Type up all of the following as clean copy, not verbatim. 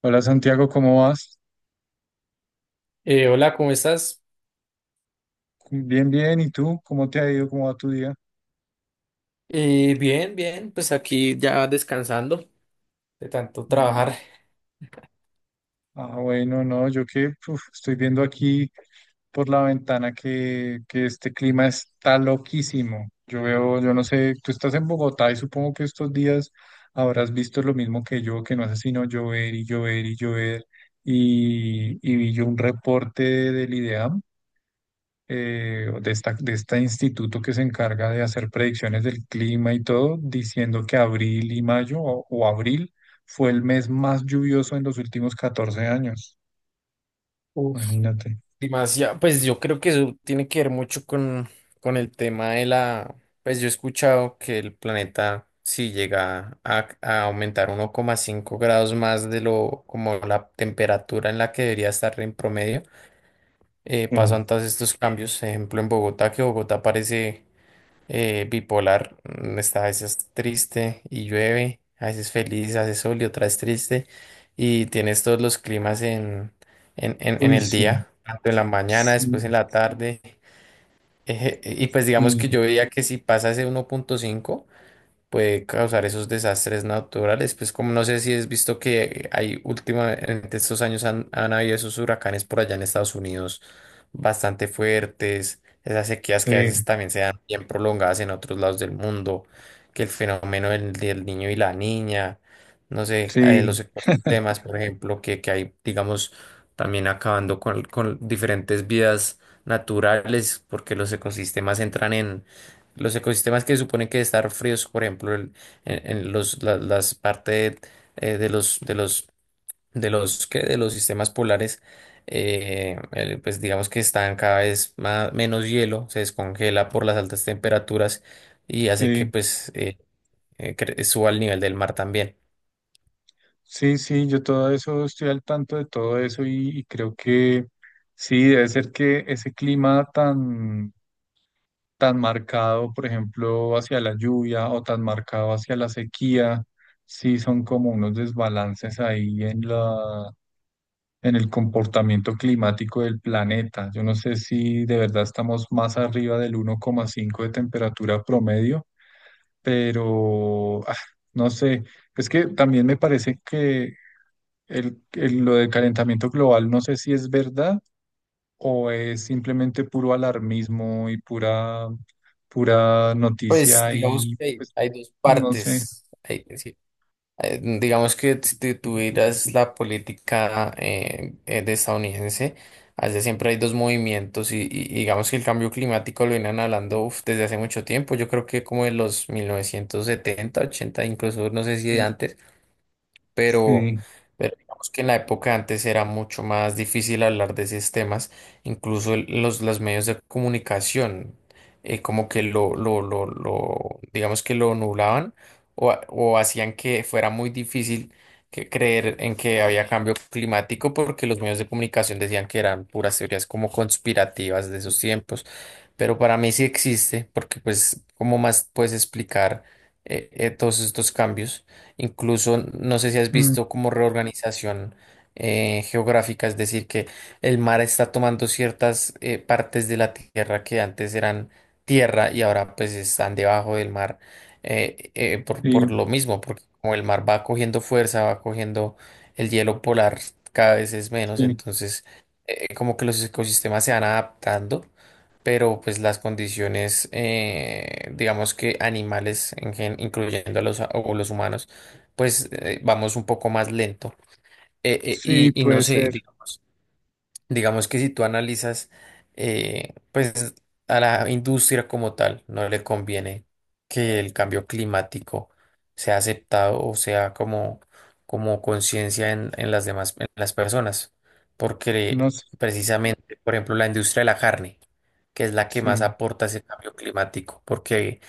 Hola Santiago, ¿cómo vas? Hola, ¿cómo estás? Bien, bien. ¿Y tú? ¿Cómo te ha ido? ¿Cómo va tu día? Bien, bien, pues aquí ya descansando de tanto trabajar. Ma- Ah, bueno, no, yo que uf, estoy viendo aquí por la ventana que este clima está loquísimo. Yo veo, yo no sé, tú estás en Bogotá y supongo que estos días habrás visto lo mismo que yo, que no hace sino llover y llover y llover. Y vi yo un reporte del IDEAM, o de este instituto que se encarga de hacer predicciones del clima y todo, diciendo que abril y mayo o abril fue el mes más lluvioso en los últimos 14 años. Uf, Imagínate. demasiado. Pues yo creo que eso tiene que ver mucho con el tema de la. Pues yo he escuchado que el planeta, si llega a aumentar uno coma cinco grados más de lo como la temperatura en la que debería estar en promedio, Eh, pasan todos estos cambios. Ejemplo, en Bogotá, que Bogotá parece bipolar, está a veces triste y llueve, a veces feliz, hace sol y otras triste, y tienes todos los climas en uy, el sí, día, tanto en la mañana, sí, después en la tarde, y pues digamos sí, que yo veía que si pasa ese 1,5, puede causar esos desastres naturales. Pues como no sé si has visto que hay últimamente estos años han, han habido esos huracanes por allá en Estados Unidos bastante fuertes, esas sequías que a veces sí, también se dan bien prolongadas en otros lados del mundo, que el fenómeno del niño y la niña, no sé, sí, los ecosistemas, por ejemplo, que hay, digamos, también acabando con diferentes vidas naturales, porque los ecosistemas entran en los ecosistemas que suponen que estar fríos, por ejemplo, en los, las partes de los, de los, de los, ¿qué? De los sistemas polares, pues digamos que están cada vez más, menos hielo, se descongela por las altas temperaturas y hace que sí, pues suba el nivel del mar también. sí, sí, yo todo eso estoy al tanto de todo eso y creo que sí, debe ser que ese clima tan marcado, por ejemplo, hacia la lluvia o tan marcado hacia la sequía, sí son como unos desbalances ahí en la, en el comportamiento climático del planeta. Yo no sé si de verdad estamos más arriba del 1,5 de temperatura promedio, pero no sé, es que también me parece que lo del calentamiento global, no sé si es verdad o es simplemente puro alarmismo y pura Pues noticia digamos y que hay, pues hay dos no sé. partes. Sí, digamos que si tú tuvieras la política de estadounidense, allá siempre hay dos movimientos y digamos que el cambio climático lo vienen hablando uf, desde hace mucho tiempo, yo creo que como en los 1970, 80, incluso no sé si de eh, antes pero, Sí, pero digamos que en la época antes era mucho más difícil hablar de esos temas, incluso los medios de comunicación, como que lo, digamos que lo nublaban o hacían que fuera muy difícil que creer en que había cambio climático porque los medios de comunicación decían que eran puras teorías como conspirativas de esos tiempos, pero para mí sí existe porque pues, ¿cómo más puedes explicar todos estos cambios? Incluso, no sé si has mm, visto como reorganización geográfica, es decir, que el mar está tomando ciertas partes de la tierra que antes eran tierra y ahora pues están debajo del mar por, sí, por lo mismo, porque como el mar va cogiendo fuerza, va cogiendo el hielo polar cada vez es menos, sí, entonces como que los ecosistemas se van adaptando pero pues las condiciones, digamos que animales, incluyendo o los humanos, pues vamos un poco más lento. Eh, eh, y, sí, y no puede sé, ser, digamos. Digamos que si tú analizas, pues a la industria como tal no le conviene que el cambio climático sea aceptado o sea como conciencia en las demás, en las personas, no porque sé, precisamente, por ejemplo, la industria de la carne, que es la que más sí. aporta ese cambio climático, porque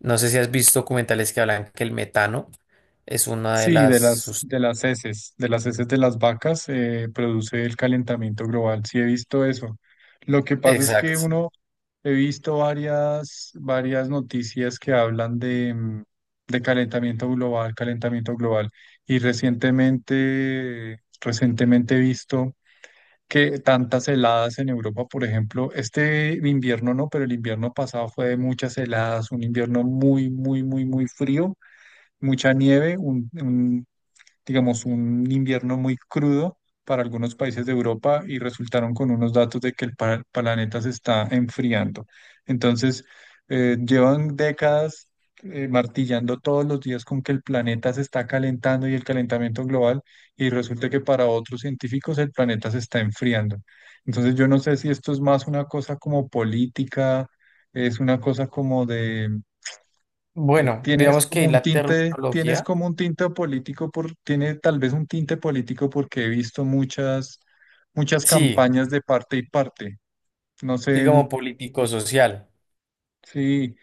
no sé si has visto documentales que hablan que el metano es una de Sí, las... de las, de las heces, de las heces de las vacas produce el calentamiento global. Sí, he visto eso. Lo que pasa es que Exacto. uno. He visto varias noticias que hablan de calentamiento global, calentamiento global. Y recientemente he visto que tantas heladas en Europa, por ejemplo, este invierno no, pero el invierno pasado fue de muchas heladas, un invierno muy, muy, muy, muy frío, mucha nieve, un digamos, un invierno muy crudo para algunos países de Europa y resultaron con unos datos de que el planeta se está enfriando. Entonces, llevan décadas martillando todos los días con que el planeta se está calentando y el calentamiento global, y resulta que para otros científicos el planeta se está enfriando. Entonces, yo no sé si esto es más una cosa como política, es una cosa como de. Bueno, Tienes digamos que como un la tinte, terminología... tiene tal vez un tinte político porque he visto muchas Sí, campañas de parte y parte. No sí, sé. como político-social. Sí,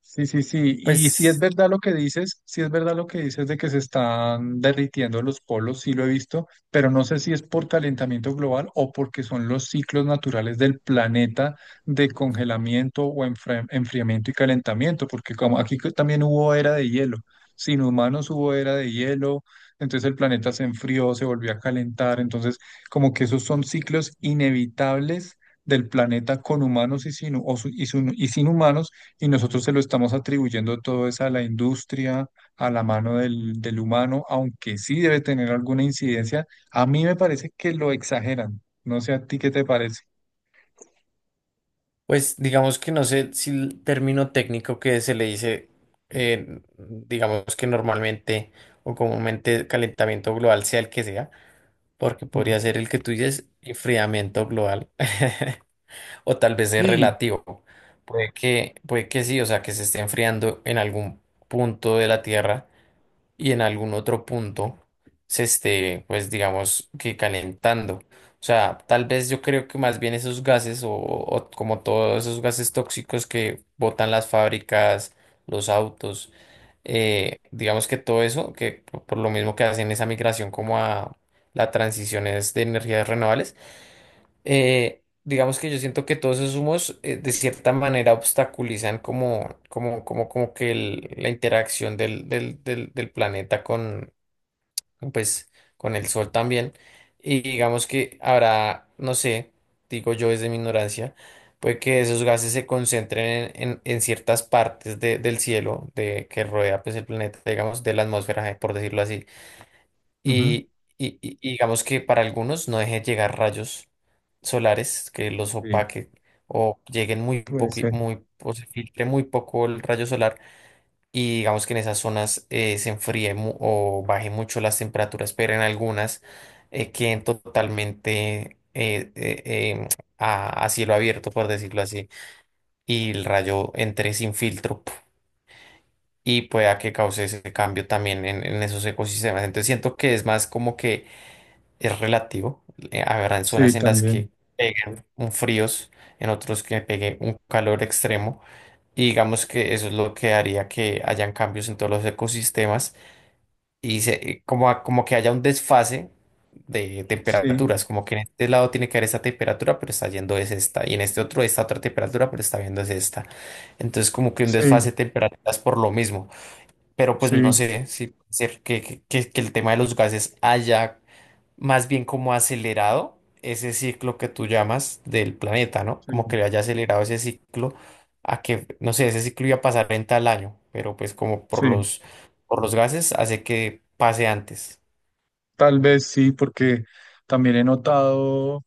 sí, sí, sí. Y si es Pues, verdad lo que dices, si es verdad lo que dices de que se están derritiendo los polos, sí lo he visto, pero no sé si es por calentamiento global o porque son los ciclos naturales del planeta de congelamiento o enfriamiento y calentamiento, porque como aquí que también hubo era de hielo, sin humanos hubo era de hielo, entonces el planeta se enfrió, se volvió a calentar, entonces como que esos son ciclos inevitables del planeta con humanos y sin, o su- y sin humanos, y nosotros se lo estamos atribuyendo todo eso a la industria, a la mano del humano, aunque sí debe tener alguna incidencia. A mí me parece que lo exageran. No sé a ti qué te parece. pues digamos que no sé si el término técnico que se le dice, digamos que normalmente o comúnmente calentamiento global sea el que sea, porque Ujú. podría ser el que tú dices enfriamiento global o tal vez es Sí, relativo. Puede que sí, o sea, que se esté enfriando en algún punto de la Tierra y en algún otro punto se esté, pues digamos que calentando. O sea, tal vez yo creo que más bien esos gases o como todos esos gases tóxicos que botan las fábricas, los autos, digamos que todo eso, que por lo mismo que hacen esa migración como a la transición es de energías renovables, digamos que yo siento que todos esos humos de cierta manera obstaculizan como que la interacción del planeta con, pues, con el sol también. Y digamos que habrá, no sé, digo yo desde mi ignorancia, puede que esos gases se concentren en ciertas partes del cielo de, que rodea pues, el planeta, digamos, de la atmósfera, por decirlo así. ujú, Y, y digamos que para algunos no deje llegar rayos solares que los sí, opaque o lleguen muy puede poco, ser. O se filtre muy poco el rayo solar y digamos que en esas zonas se enfríe o baje mucho las temperaturas, pero en algunas queden totalmente a cielo abierto, por decirlo así, y el rayo entre sin filtro. ¡Puf! Y pueda que cause ese cambio también en esos ecosistemas. Entonces siento que es más como que es relativo. Habrán Sí, zonas en las también. que peguen un fríos, en otros que pegue un calor extremo. Y digamos que eso es lo que haría que hayan cambios en todos los ecosistemas y como que haya un desfase de Sí, temperaturas, como que en este lado tiene que haber esta temperatura, pero está yendo es esta, y en este otro esta otra temperatura, pero está viendo es esta. Entonces como que un sí, desfase de temperaturas por lo mismo. Pero pues no sí, sé si puede ser que, que el tema de los gases haya más bien como acelerado ese ciclo que tú llamas del planeta, ¿no? Como sí, que le haya acelerado ese ciclo a que, no sé, ese ciclo iba a pasar en tal año, pero pues como por sí. los, por los gases hace que pase antes. Tal vez sí, porque también he notado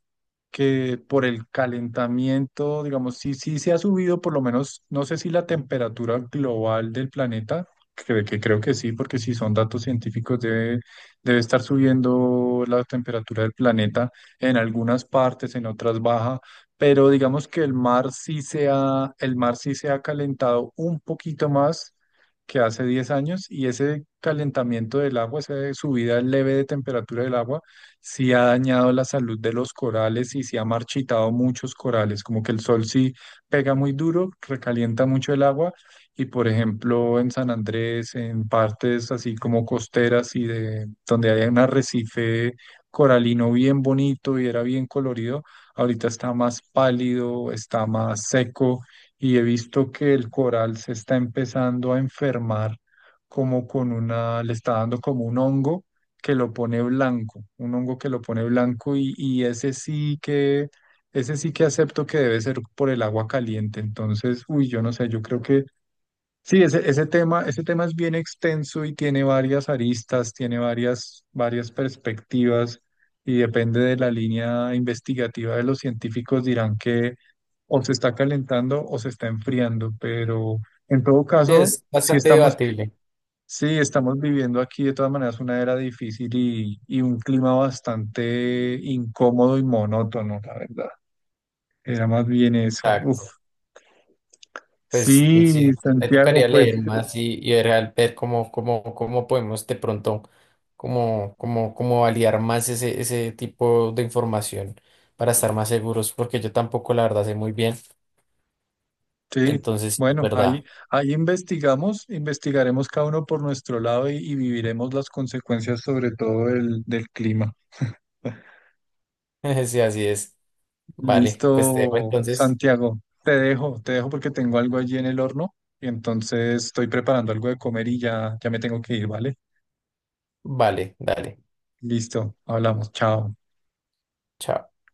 que por el calentamiento, digamos, sí, sí se ha subido, por lo menos, no sé si la temperatura global del planeta, que creo que sí, porque si son datos científicos, debe estar subiendo la temperatura del planeta en algunas partes, en otras baja, pero digamos que el mar sí se ha, el mar sí se ha calentado un poquito más que hace 10 años, y ese calentamiento del agua, esa subida leve de temperatura del agua, sí ha dañado la salud de los corales y sí ha marchitado muchos corales, como que el sol sí pega muy duro, recalienta mucho el agua y, por ejemplo, en San Andrés, en partes así como costeras y de donde hay un arrecife coralino bien bonito y era bien colorido, ahorita está más pálido, está más seco y he visto que el coral se está empezando a enfermar como con una, le está dando como un hongo que lo pone blanco, un hongo que lo pone blanco y ese sí que acepto que debe ser por el agua caliente. Entonces, uy, yo no sé, yo creo que sí, ese tema es bien extenso y tiene varias aristas, tiene varias perspectivas y depende de la línea investigativa de los científicos dirán que o se está calentando o se está enfriando, pero en todo Sí, caso, es si bastante estamos. debatible. Sí, estamos viviendo aquí de todas maneras una era difícil y un clima bastante incómodo y monótono, la verdad. Era más bien eso. Uf. Exacto. Pues sí, Sí, me Santiago, tocaría pues leer más y ver, ver cómo podemos de pronto, cómo validar más ese tipo de información para estar más seguros, porque yo tampoco la verdad sé muy bien. sí. Entonces, sí, es Bueno, ahí, verdad. ahí investigaremos cada uno por nuestro lado y viviremos las consecuencias sobre todo del clima. Sí, así es. Vale, pues te dejo Listo, entonces. Santiago. Te dejo porque tengo algo allí en el horno y entonces estoy preparando algo de comer y ya me tengo que ir, ¿vale? Vale, dale. Listo, hablamos, chao. Chao.